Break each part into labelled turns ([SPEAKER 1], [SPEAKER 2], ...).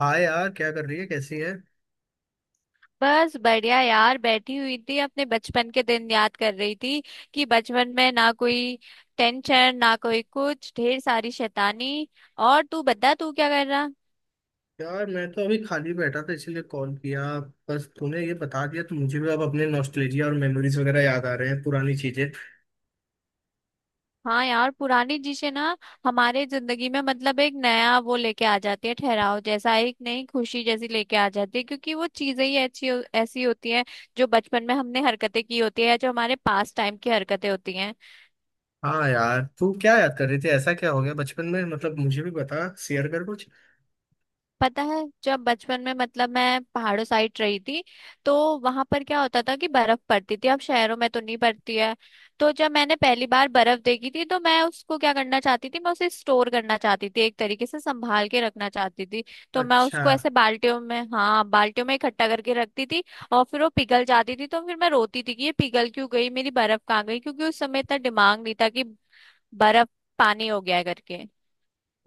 [SPEAKER 1] हाँ यार, क्या कर रही है? कैसी है?
[SPEAKER 2] बस बढ़िया यार। बैठी हुई थी अपने बचपन के दिन याद कर रही थी कि बचपन में ना कोई टेंशन ना कोई, कुछ ढेर सारी शैतानी। और तू बता, तू क्या कर रहा।
[SPEAKER 1] यार, मैं तो अभी खाली बैठा था इसीलिए कॉल किया। बस तूने ये बता दिया तो मुझे भी अब अपने नॉस्टैल्जिया और मेमोरीज वगैरह याद आ रहे हैं, पुरानी चीजें।
[SPEAKER 2] हाँ यार, पुरानी चीजें ना हमारे जिंदगी में मतलब एक नया वो लेके आ जाती है, ठहराव जैसा, एक नई खुशी जैसी लेके आ जाती है क्योंकि वो चीजें ही अच्छी ऐसी होती हैं जो बचपन में हमने हरकतें की होती है या जो हमारे पास टाइम की हरकतें होती हैं।
[SPEAKER 1] हाँ यार, तू क्या याद कर रही थी? ऐसा क्या हो गया बचपन में? मतलब मुझे भी बता, शेयर कर कुछ।
[SPEAKER 2] पता है, जब बचपन में मतलब मैं पहाड़ों साइड रही थी तो वहां पर क्या होता था कि बर्फ पड़ती थी। अब शहरों में तो नहीं पड़ती है। तो जब मैंने पहली बार बर्फ देखी थी तो मैं उसको क्या करना चाहती थी, मैं उसे स्टोर करना चाहती थी, एक तरीके से संभाल के रखना चाहती थी। तो मैं
[SPEAKER 1] अच्छा।
[SPEAKER 2] उसको ऐसे बाल्टियों में, हाँ, बाल्टियों में इकट्ठा करके रखती थी। और फिर वो पिघल जाती थी तो फिर मैं रोती थी कि ये पिघल क्यों गई, मेरी बर्फ कहाँ गई, क्योंकि उस समय इतना दिमाग नहीं था कि बर्फ पानी हो गया है करके।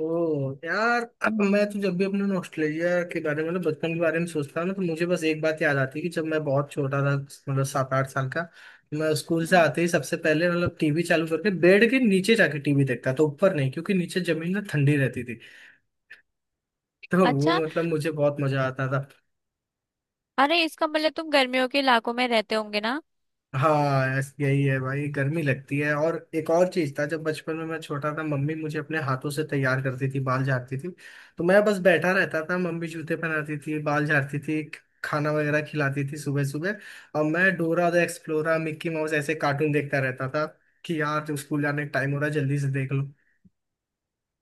[SPEAKER 1] ओ यार, अब मैं तो जब भी अपने ऑस्ट्रेलिया के बारे में मतलब बचपन के बारे में सोचता हूँ ना तो मुझे बस एक बात याद आती है कि जब मैं बहुत छोटा था, मतलब 7-8 साल का। मैं स्कूल से
[SPEAKER 2] हम्म।
[SPEAKER 1] आते ही सबसे पहले मतलब टीवी चालू करके बेड के नीचे जाके टीवी देखता था, तो ऊपर नहीं, क्योंकि नीचे जमीन में ठंडी रहती थी। तो वो
[SPEAKER 2] अच्छा।
[SPEAKER 1] मतलब मुझे बहुत मजा आता था।
[SPEAKER 2] अरे इसका मतलब तुम गर्मियों के इलाकों में रहते होंगे ना।
[SPEAKER 1] हाँ, यही है भाई, गर्मी लगती है। और एक और चीज था, जब बचपन में मैं छोटा था मम्मी मुझे अपने हाथों से तैयार करती थी, बाल झाड़ती थी। तो मैं बस बैठा रहता था, मम्मी जूते पहनाती थी, बाल झाड़ती थी। खाना वगैरह खिलाती थी सुबह सुबह। और मैं Dora the explorer, Mickey Mouse ऐसे कार्टून देखता रहता था। कि यार, जो स्कूल जाने का टाइम हो रहा है जल्दी से देख लो।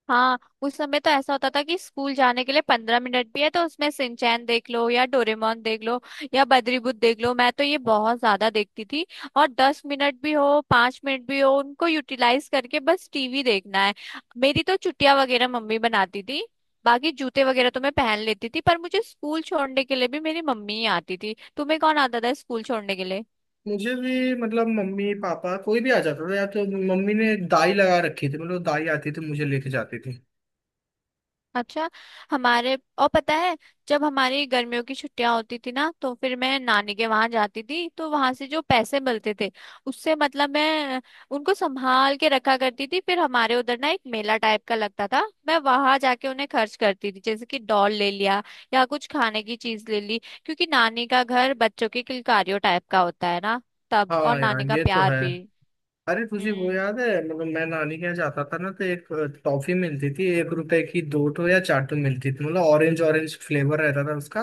[SPEAKER 2] हाँ, उस समय तो ऐसा होता था कि स्कूल जाने के लिए 15 मिनट भी है तो उसमें सिंचैन देख लो या डोरेमोन देख लो या बद्रीबुत देख लो। मैं तो ये बहुत ज्यादा देखती थी। और 10 मिनट भी हो, 5 मिनट भी हो, उनको यूटिलाइज करके बस टीवी देखना है। मेरी तो चुटिया वगैरह मम्मी बनाती थी, बाकी जूते वगैरह तो मैं पहन लेती थी। पर मुझे स्कूल छोड़ने के लिए भी मेरी मम्मी ही आती थी। तुम्हें कौन आता था स्कूल छोड़ने के लिए?
[SPEAKER 1] मुझे भी, मतलब मम्मी पापा कोई भी आ जाता था, या तो मम्मी ने दाई लगा रखी थी, मतलब दाई आती थी, मुझे लेके जाती थी।
[SPEAKER 2] अच्छा। हमारे और पता है, जब हमारी गर्मियों की छुट्टियां होती थी ना तो फिर मैं नानी के वहां जाती थी, तो वहां से जो पैसे मिलते थे उससे मतलब मैं उनको संभाल के रखा करती थी। फिर हमारे उधर ना एक मेला टाइप का लगता था, मैं वहां जाके उन्हें खर्च करती थी, जैसे कि डॉल ले लिया या कुछ खाने की चीज ले ली। क्योंकि नानी का घर बच्चों के किलकारियों टाइप का होता है ना, तब और
[SPEAKER 1] हाँ यार,
[SPEAKER 2] नानी का
[SPEAKER 1] ये तो है।
[SPEAKER 2] प्यार भी।
[SPEAKER 1] अरे, तुझे वो
[SPEAKER 2] हम्म।
[SPEAKER 1] याद है? मतलब मैं नानी के यहाँ जाता था ना, तो एक टॉफी मिलती थी, 1 रुपए की 2 ठो या 4 ठो मिलती थी, मतलब ऑरेंज ऑरेंज फ्लेवर रहता था उसका।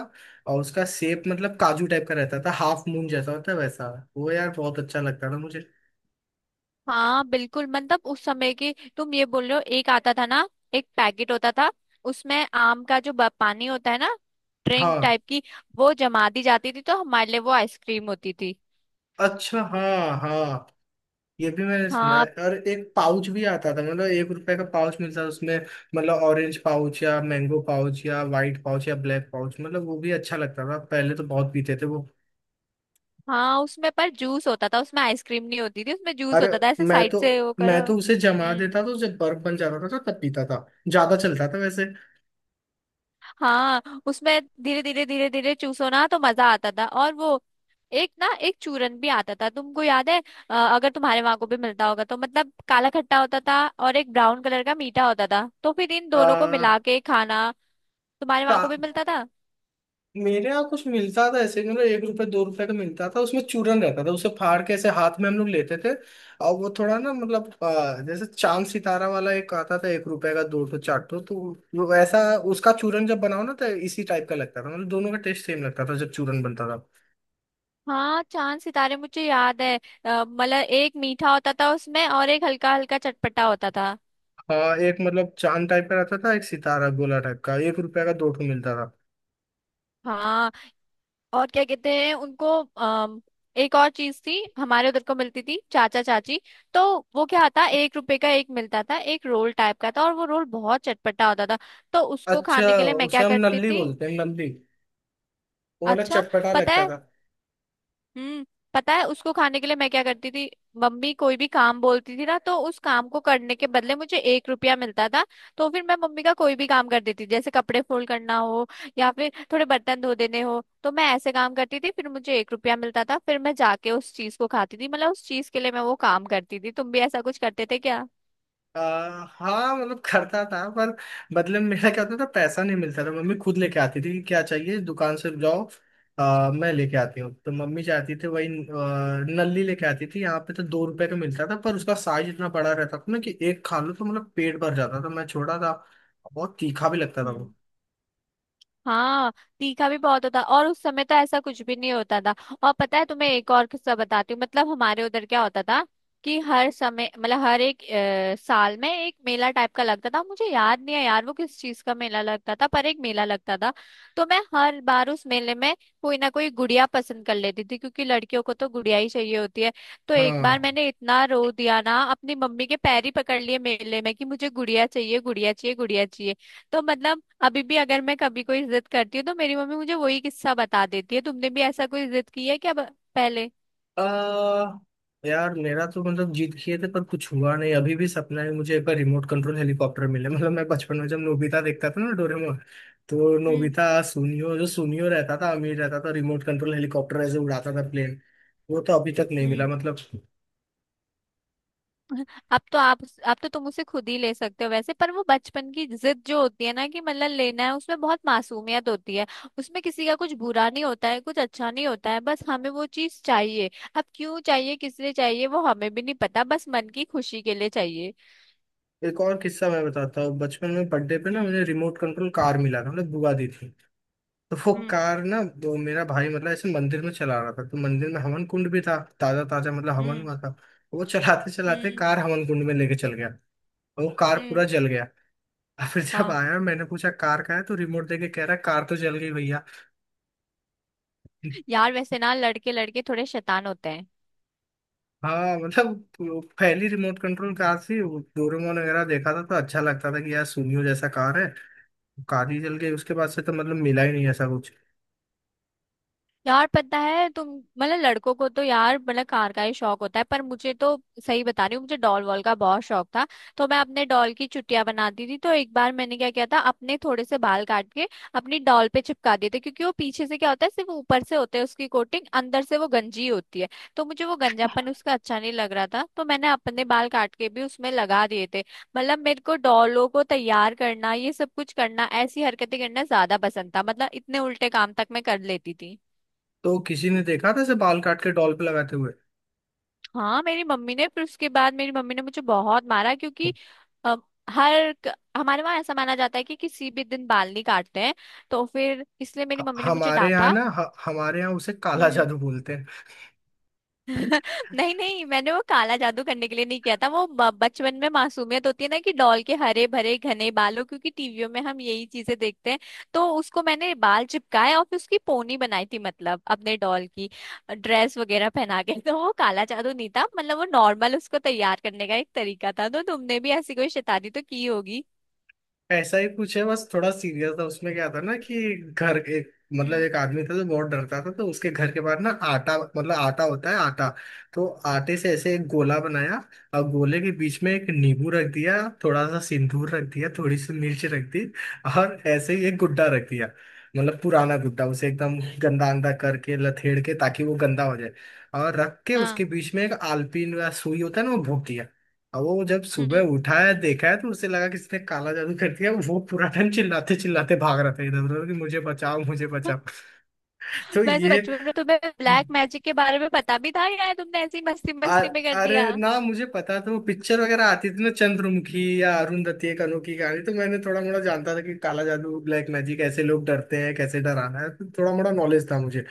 [SPEAKER 1] और उसका शेप मतलब काजू टाइप का रहता था, हाफ मून जैसा होता है वैसा। वो यार, बहुत अच्छा लगता था मुझे।
[SPEAKER 2] हाँ, बिल्कुल। मतलब उस समय की तुम ये बोल रहे हो, एक आता था ना, एक पैकेट होता था, उसमें आम का जो पानी होता है ना, ड्रिंक
[SPEAKER 1] हाँ।
[SPEAKER 2] टाइप की, वो जमा दी जाती थी तो हमारे लिए वो आइसक्रीम होती थी।
[SPEAKER 1] अच्छा, हाँ हाँ। ये भी मैंने सुना है,
[SPEAKER 2] हाँ,
[SPEAKER 1] और एक पाउच भी आता था, मतलब 1 रुपए का पाउच मिलता था उसमें। मतलब ऑरेंज पाउच या मैंगो पाउच या वाइट पाउच या ब्लैक पाउच, मतलब वो भी अच्छा लगता था, पहले तो बहुत पीते थे वो।
[SPEAKER 2] हाँ, उसमें पर जूस होता था, उसमें आइसक्रीम नहीं होती थी, उसमें जूस
[SPEAKER 1] अरे,
[SPEAKER 2] होता था ऐसे
[SPEAKER 1] मैं
[SPEAKER 2] साइड
[SPEAKER 1] तो
[SPEAKER 2] से वो
[SPEAKER 1] मैं
[SPEAKER 2] करो।
[SPEAKER 1] तो उसे जमा
[SPEAKER 2] हम्म।
[SPEAKER 1] देता, तो जब बर्फ बन जाता था तो तब पीता था। ज्यादा चलता था वैसे।
[SPEAKER 2] हाँ, उसमें धीरे धीरे धीरे धीरे चूसो ना तो मजा आता था। और वो एक ना एक चूरन भी आता था, तुमको याद है? अगर तुम्हारे वहां को भी मिलता होगा तो मतलब काला खट्टा होता था और एक ब्राउन कलर का मीठा होता था, तो फिर इन दोनों को
[SPEAKER 1] आ,
[SPEAKER 2] मिला के खाना। तुम्हारे
[SPEAKER 1] का,
[SPEAKER 2] वहां को भी मिलता था?
[SPEAKER 1] मेरे यहाँ कुछ मिलता था ऐसे, मतलब 1 रुपए 2 रुपए का मिलता था, उसमें चूरन रहता था, उसे फाड़ के ऐसे हाथ में हम लोग लेते थे। और वो थोड़ा ना, मतलब जैसे चांद सितारा वाला एक आता था, 1 रुपए का 2 ठो 4 ठो तो। वो वैसा। उसका चूरन जब बनाओ ना, तो इसी टाइप का लगता था, मतलब दोनों का टेस्ट सेम लगता था जब चूरन बनता था।
[SPEAKER 2] हाँ, चांद सितारे मुझे याद है। मतलब एक मीठा होता था उसमें और एक हल्का हल्का चटपटा होता था।
[SPEAKER 1] हाँ, एक मतलब चांद टाइप का रहता था, एक सितारा गोला टाइप का, 1 रुपए का 2 ठो मिलता था।
[SPEAKER 2] हाँ। और क्या कहते हैं उनको? अम, एक और चीज थी हमारे उधर को मिलती थी, चाचा चाची। तो वो क्या आता, एक रुपए का एक मिलता था, एक रोल टाइप का था और वो रोल बहुत चटपटा होता था। तो उसको
[SPEAKER 1] अच्छा।
[SPEAKER 2] खाने के लिए मैं
[SPEAKER 1] उसे
[SPEAKER 2] क्या
[SPEAKER 1] हम
[SPEAKER 2] करती
[SPEAKER 1] नल्ली
[SPEAKER 2] थी?
[SPEAKER 1] बोलते हैं, नल्ली। वो मतलब
[SPEAKER 2] अच्छा।
[SPEAKER 1] चटपटा
[SPEAKER 2] पता
[SPEAKER 1] लगता
[SPEAKER 2] है।
[SPEAKER 1] था।
[SPEAKER 2] हम्म। पता है, उसको खाने के लिए मैं क्या करती थी? मम्मी कोई भी काम बोलती थी ना, तो उस काम को करने के बदले मुझे एक रुपया मिलता था। तो फिर मैं मम्मी का कोई भी काम कर देती थी, जैसे कपड़े फोल्ड करना हो या फिर थोड़े बर्तन धो देने हो, तो मैं ऐसे काम करती थी, फिर मुझे एक रुपया मिलता था, फिर मैं जाके उस चीज को खाती थी। मतलब उस चीज के लिए मैं वो काम करती थी। तुम भी ऐसा कुछ करते थे क्या?
[SPEAKER 1] हाँ मतलब करता था, पर बदले में मेरा क्या होता था, पैसा नहीं मिलता था, मम्मी खुद लेके आती थी कि क्या चाहिए दुकान से जाओ, मैं लेके आती हूँ। तो मम्मी जाती थी, वही नल्ली लेके आती थी, यहाँ पे तो 2 रुपए का मिलता था, पर उसका साइज इतना बड़ा रहता था ना कि एक खा लो तो मतलब पेट भर जाता था, मैं छोटा था। बहुत तीखा भी लगता था
[SPEAKER 2] हम्म।
[SPEAKER 1] वो।
[SPEAKER 2] हाँ, तीखा भी बहुत होता और उस समय तो ऐसा कुछ भी नहीं होता था। और पता है तुम्हें, एक और किस्सा बताती हूँ। मतलब हमारे उधर क्या होता था कि हर समय मतलब हर एक साल में एक मेला टाइप का लगता था। मुझे याद नहीं है यार वो किस चीज का मेला लगता था, पर एक मेला लगता था। तो मैं हर बार उस मेले में कोई ना कोई गुड़िया पसंद कर लेती थी, क्योंकि लड़कियों को तो गुड़िया ही चाहिए होती है। तो एक बार
[SPEAKER 1] हाँ।
[SPEAKER 2] मैंने इतना रो दिया ना, अपनी मम्मी के पैर ही पकड़ लिए मेले में कि मुझे गुड़िया चाहिए, गुड़िया चाहिए, गुड़िया चाहिए। तो मतलब अभी भी अगर मैं कभी कोई जिद करती हूँ तो मेरी मम्मी मुझे वही किस्सा बता देती है। तुमने भी ऐसा कोई जिद की है क्या पहले?
[SPEAKER 1] आ, यार, मेरा तो मतलब जीत किए थे पर कुछ हुआ नहीं, अभी भी सपना है मुझे एक बार रिमोट कंट्रोल हेलीकॉप्टर मिले। मतलब मैं बचपन में जब नोबिता देखता था ना, डोरेमोन। तो
[SPEAKER 2] हम्म।
[SPEAKER 1] नोबिता, सुनियो, जो सुनियो रहता था अमीर रहता था, रिमोट कंट्रोल हेलीकॉप्टर ऐसे उड़ाता था, प्लेन। वो तो अभी तक नहीं मिला
[SPEAKER 2] हम्म।
[SPEAKER 1] मतलब।
[SPEAKER 2] अब तो आप अब तो तुम उसे खुद ही ले सकते हो वैसे। पर वो बचपन की जिद जो होती है ना कि मतलब लेना है, उसमें बहुत मासूमियत होती है। उसमें किसी का कुछ बुरा नहीं होता है, कुछ अच्छा नहीं होता है, बस हमें वो चीज चाहिए। अब क्यों चाहिए, किस लिए चाहिए, वो हमें भी नहीं पता, बस मन की खुशी के लिए चाहिए।
[SPEAKER 1] एक और किस्सा मैं बताता हूँ, बचपन में बर्थडे पे ना
[SPEAKER 2] हम्म।
[SPEAKER 1] मुझे रिमोट कंट्रोल कार मिला था, मतलब बुआ दी थी। तो वो
[SPEAKER 2] हम्म।
[SPEAKER 1] कार ना, वो मेरा भाई मतलब ऐसे मंदिर में चला रहा था, तो मंदिर में हवन कुंड भी था, ताजा ताजा मतलब हवन
[SPEAKER 2] हम्म।
[SPEAKER 1] हुआ था। वो चलाते चलाते
[SPEAKER 2] हम्म।
[SPEAKER 1] कार हवन कुंड में लेके चल गया। और वो कार
[SPEAKER 2] हम्म,
[SPEAKER 1] पूरा जल गया। और फिर जब
[SPEAKER 2] हाँ।
[SPEAKER 1] आया, मैंने पूछा कार का है, तो रिमोट देके कह रहा, कार तो जल गई भैया।
[SPEAKER 2] यार वैसे ना लड़के लड़के थोड़े शैतान होते हैं।
[SPEAKER 1] हाँ मतलब, वो पहली रिमोट कंट्रोल कार थी, वो डोरेमोन वगैरह देखा था तो अच्छा लगता था कि यार सुनियो जैसा कार है। कार ही जल गई, उसके बाद से तो मतलब मिला ही नहीं ऐसा कुछ।
[SPEAKER 2] यार, पता है तुम, मतलब लड़कों को तो यार मतलब कार का ही शौक होता है। पर मुझे तो, सही बता रही हूँ, मुझे डॉल वॉल का बहुत शौक था। तो मैं अपने डॉल की चुटिया बनाती थी। तो एक बार मैंने क्या किया था, अपने थोड़े से बाल काट के अपनी डॉल पे चिपका दिए थे। क्योंकि वो पीछे से क्या होता है, सिर्फ ऊपर से होता है उसकी कोटिंग, अंदर से वो गंजी होती है। तो मुझे वो गंजापन उसका अच्छा नहीं लग रहा था, तो मैंने अपने बाल काट के भी उसमें लगा दिए थे। मतलब मेरे को डॉलों को तैयार करना, ये सब कुछ करना, ऐसी हरकतें करना ज्यादा पसंद था। मतलब इतने उल्टे काम तक मैं कर लेती थी।
[SPEAKER 1] तो किसी ने देखा था इसे बाल काट के डॉल पे लगाते हुए?
[SPEAKER 2] हाँ, मेरी मम्मी ने, फिर उसके बाद मेरी मम्मी ने मुझे बहुत मारा। क्योंकि अ, हमारे वहाँ ऐसा माना जाता है कि किसी भी दिन बाल नहीं काटते हैं। तो फिर इसलिए मेरी मम्मी ने मुझे
[SPEAKER 1] हमारे यहाँ
[SPEAKER 2] डांटा।
[SPEAKER 1] ना, हमारे यहाँ उसे काला जादू बोलते हैं।
[SPEAKER 2] नहीं नहीं, मैंने वो काला जादू करने के लिए नहीं किया था। वो बचपन में मासूमियत होती है ना कि डॉल के हरे भरे घने बालों, क्योंकि टीवियों में हम यही चीजें देखते हैं। तो उसको मैंने बाल चिपकाए और फिर उसकी पोनी बनाई थी, मतलब अपने डॉल की ड्रेस वगैरह पहना के। तो वो काला जादू नहीं था, मतलब वो नॉर्मल उसको तैयार करने का एक तरीका था। तो तुमने भी ऐसी कोई शैतानी तो की होगी।
[SPEAKER 1] ऐसा ही कुछ है, बस थोड़ा सीरियस था, उसमें क्या था ना कि घर एक, मतलब
[SPEAKER 2] हम्म।
[SPEAKER 1] एक आदमी था जो बहुत डरता था, तो उसके घर के बाहर ना आटा, मतलब आटा होता है आटा। तो आटे से ऐसे एक गोला बनाया। और गोले के बीच में एक नींबू रख दिया। थोड़ा सा सिंदूर रख दिया, थोड़ी सी मिर्च रख दी। और ऐसे ही एक गुड्डा रख दिया। मतलब पुराना गुड्डा, उसे एकदम गंदा अंदा करके लथेड़ के ताकि वो गंदा हो जाए। और रख के
[SPEAKER 2] हाँ।
[SPEAKER 1] उसके बीच में एक आलपीन या सुई होता है ना, वो भोंक दिया। अब वो जब सुबह
[SPEAKER 2] हम्म।
[SPEAKER 1] उठा है, देखा है, तो उसे लगा किसने काला जादू कर दिया। वो पूरा टाइम चिल्लाते चिल्लाते भाग रहा था इधर उधर कि मुझे बचाओ, मुझे बचाओ। तो
[SPEAKER 2] वैसे
[SPEAKER 1] ये।
[SPEAKER 2] बचपन में तुम्हें ब्लैक मैजिक के बारे में पता भी था, या तुमने ऐसी मस्ती
[SPEAKER 1] आ-
[SPEAKER 2] मस्ती में कर
[SPEAKER 1] अरे
[SPEAKER 2] दिया?
[SPEAKER 1] ना, मुझे पता था, वो पिक्चर वगैरह आती थी ना, चंद्रमुखी या अरुंधति, एक अनोखी कहानी। तो मैंने थोड़ा मोड़ा जानता था कि काला जादू, ब्लैक मैजिक, ऐसे लोग डरते हैं, कैसे डराना है, तो थोड़ा मोड़ा नॉलेज था मुझे।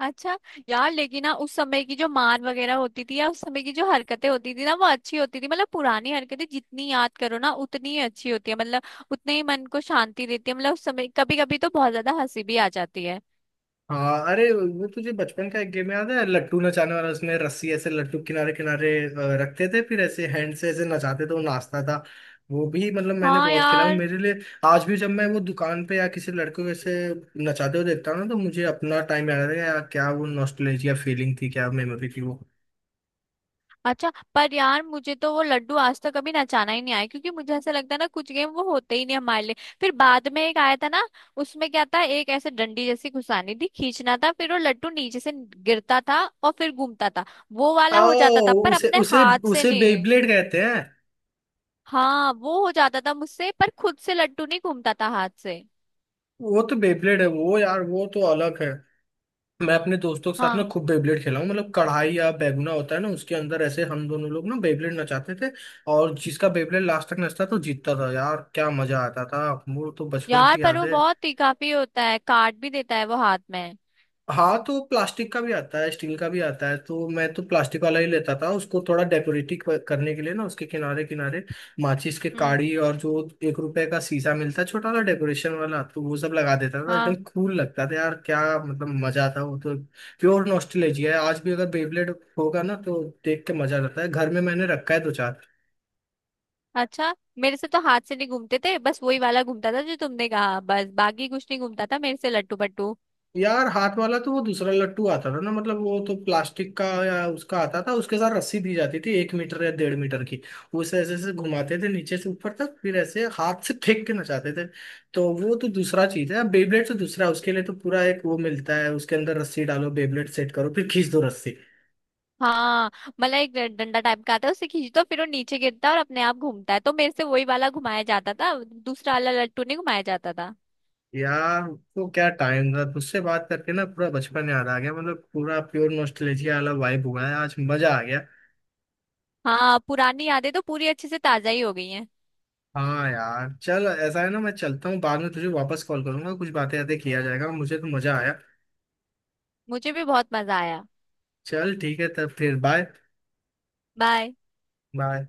[SPEAKER 2] अच्छा। यार लेकिन ना उस समय की जो मान वगैरह होती थी या उस समय की जो हरकतें होती थी ना वो अच्छी होती थी। मतलब पुरानी हरकतें जितनी याद करो ना उतनी ही अच्छी होती है। मतलब उतने ही मन को शांति देती है। मतलब उस समय कभी कभी तो बहुत ज्यादा हंसी भी आ जाती है।
[SPEAKER 1] हाँ। अरे, वो तुझे बचपन का एक गेम याद है, लट्टू नचाने वाला? उसमें रस्सी ऐसे लट्टू किनारे किनारे रखते थे, फिर ऐसे हैंड से ऐसे नचाते थे, वो नाचता था। वो भी मतलब मैंने
[SPEAKER 2] हाँ
[SPEAKER 1] बहुत खेला हूँ,
[SPEAKER 2] यार।
[SPEAKER 1] मेरे लिए। आज भी जब मैं वो दुकान पे या किसी लड़के को ऐसे नचाते हुए देखता हूँ ना, तो मुझे अपना टाइम याद आता है। यार, क्या वो नॉस्टैल्जिया फीलिंग थी, क्या मेमोरी थी वो।
[SPEAKER 2] अच्छा। पर यार मुझे तो वो लड्डू आज तक कभी नचाना ही नहीं आया, क्योंकि मुझे ऐसा लगता है ना कुछ गेम वो होते ही नहीं हमारे लिए। फिर बाद में एक आया था ना, उसमें क्या था, एक ऐसे डंडी जैसी घुसानी थी, खींचना था, फिर वो लड्डू नीचे से गिरता था और फिर घूमता था। वो वाला हो जाता था
[SPEAKER 1] ओ,
[SPEAKER 2] पर
[SPEAKER 1] उसे
[SPEAKER 2] अपने
[SPEAKER 1] उसे
[SPEAKER 2] हाथ से
[SPEAKER 1] उसे
[SPEAKER 2] नहीं।
[SPEAKER 1] बेब्लेड कहते हैं।
[SPEAKER 2] हाँ, वो हो जाता था मुझसे, पर खुद से लड्डू नहीं घूमता था हाथ से।
[SPEAKER 1] वो तो बेब्लेड है वो यार, वो तो अलग है। मैं अपने दोस्तों के साथ ना
[SPEAKER 2] हाँ
[SPEAKER 1] खूब बेबलेट खेला हूँ, मतलब कढ़ाई या बैगुना होता है ना, उसके अंदर ऐसे हम दोनों लोग ना बेबलेट नचाते थे। और जिसका बेबलेट लास्ट तक नचता तो जीतता था। यार, क्या मजा आता था। वो तो बचपन
[SPEAKER 2] यार,
[SPEAKER 1] की
[SPEAKER 2] पर वो
[SPEAKER 1] यादें।
[SPEAKER 2] बहुत ही काफी होता है, काट भी देता है वो हाथ में।
[SPEAKER 1] हाँ, तो प्लास्टिक का भी आता है, स्टील का भी आता है, तो मैं तो प्लास्टिक वाला ही लेता था, उसको थोड़ा डेकोरेटिव करने के लिए ना, उसके किनारे किनारे माचिस के
[SPEAKER 2] हम्म।
[SPEAKER 1] काड़ी और जो 1 रुपए का शीशा मिलता है छोटा सा, डेकोरेशन वाला, तो वो सब लगा देता था, एकदम
[SPEAKER 2] हाँ।
[SPEAKER 1] कूल लगता था। यार, क्या मतलब मजा था वो तो। प्योर नॉस्टैल्जिया है। आज भी अगर बेबलेट होगा ना तो देख के मजा आता है, घर में मैंने रखा है दो चार।
[SPEAKER 2] अच्छा, मेरे से तो हाथ से नहीं घूमते थे, बस वही वाला घूमता था जो तुमने कहा। बस बाकी कुछ नहीं घूमता था मेरे से, लट्टू पट्टू।
[SPEAKER 1] यार, हाथ वाला तो वो दूसरा लट्टू आता था ना, मतलब वो तो प्लास्टिक का या उसका आता था, उसके साथ रस्सी दी जाती थी, 1 मीटर या 1.5 मीटर की। उसे ऐसे ऐसे घुमाते थे नीचे से ऊपर तक, फिर ऐसे हाथ से फेंक के नचाते थे। तो वो तो दूसरा चीज है, बेबलेट तो दूसरा है, उसके लिए तो पूरा एक वो मिलता है, उसके अंदर रस्सी डालो, बेबलेट सेट करो, फिर खींच दो रस्सी।
[SPEAKER 2] हाँ, मतलब एक डंडा टाइप का आता है, उसे खींचो तो फिर वो नीचे गिरता है और अपने आप घूमता है। तो मेरे से वही वाला घुमाया जाता था, दूसरा वाला लट्टू नहीं घुमाया जाता था।
[SPEAKER 1] यार, तो क्या टाइम था तुझसे बात करके ना, पूरा बचपन याद आ गया, मतलब पूरा प्योर नॉस्टैल्जिया वाला वाइब हुआ है, आज मजा आ गया।
[SPEAKER 2] हाँ, पुरानी यादें तो पूरी अच्छे से ताजा ही हो गई हैं।
[SPEAKER 1] हाँ यार, चल ऐसा है ना, मैं चलता हूँ। बाद में तुझे वापस कॉल करूंगा, कुछ बातें यातें किया जाएगा। मुझे तो मजा आया।
[SPEAKER 2] मुझे भी बहुत मजा आया।
[SPEAKER 1] चल ठीक है, तब फिर बाय।
[SPEAKER 2] बाय।
[SPEAKER 1] बाय।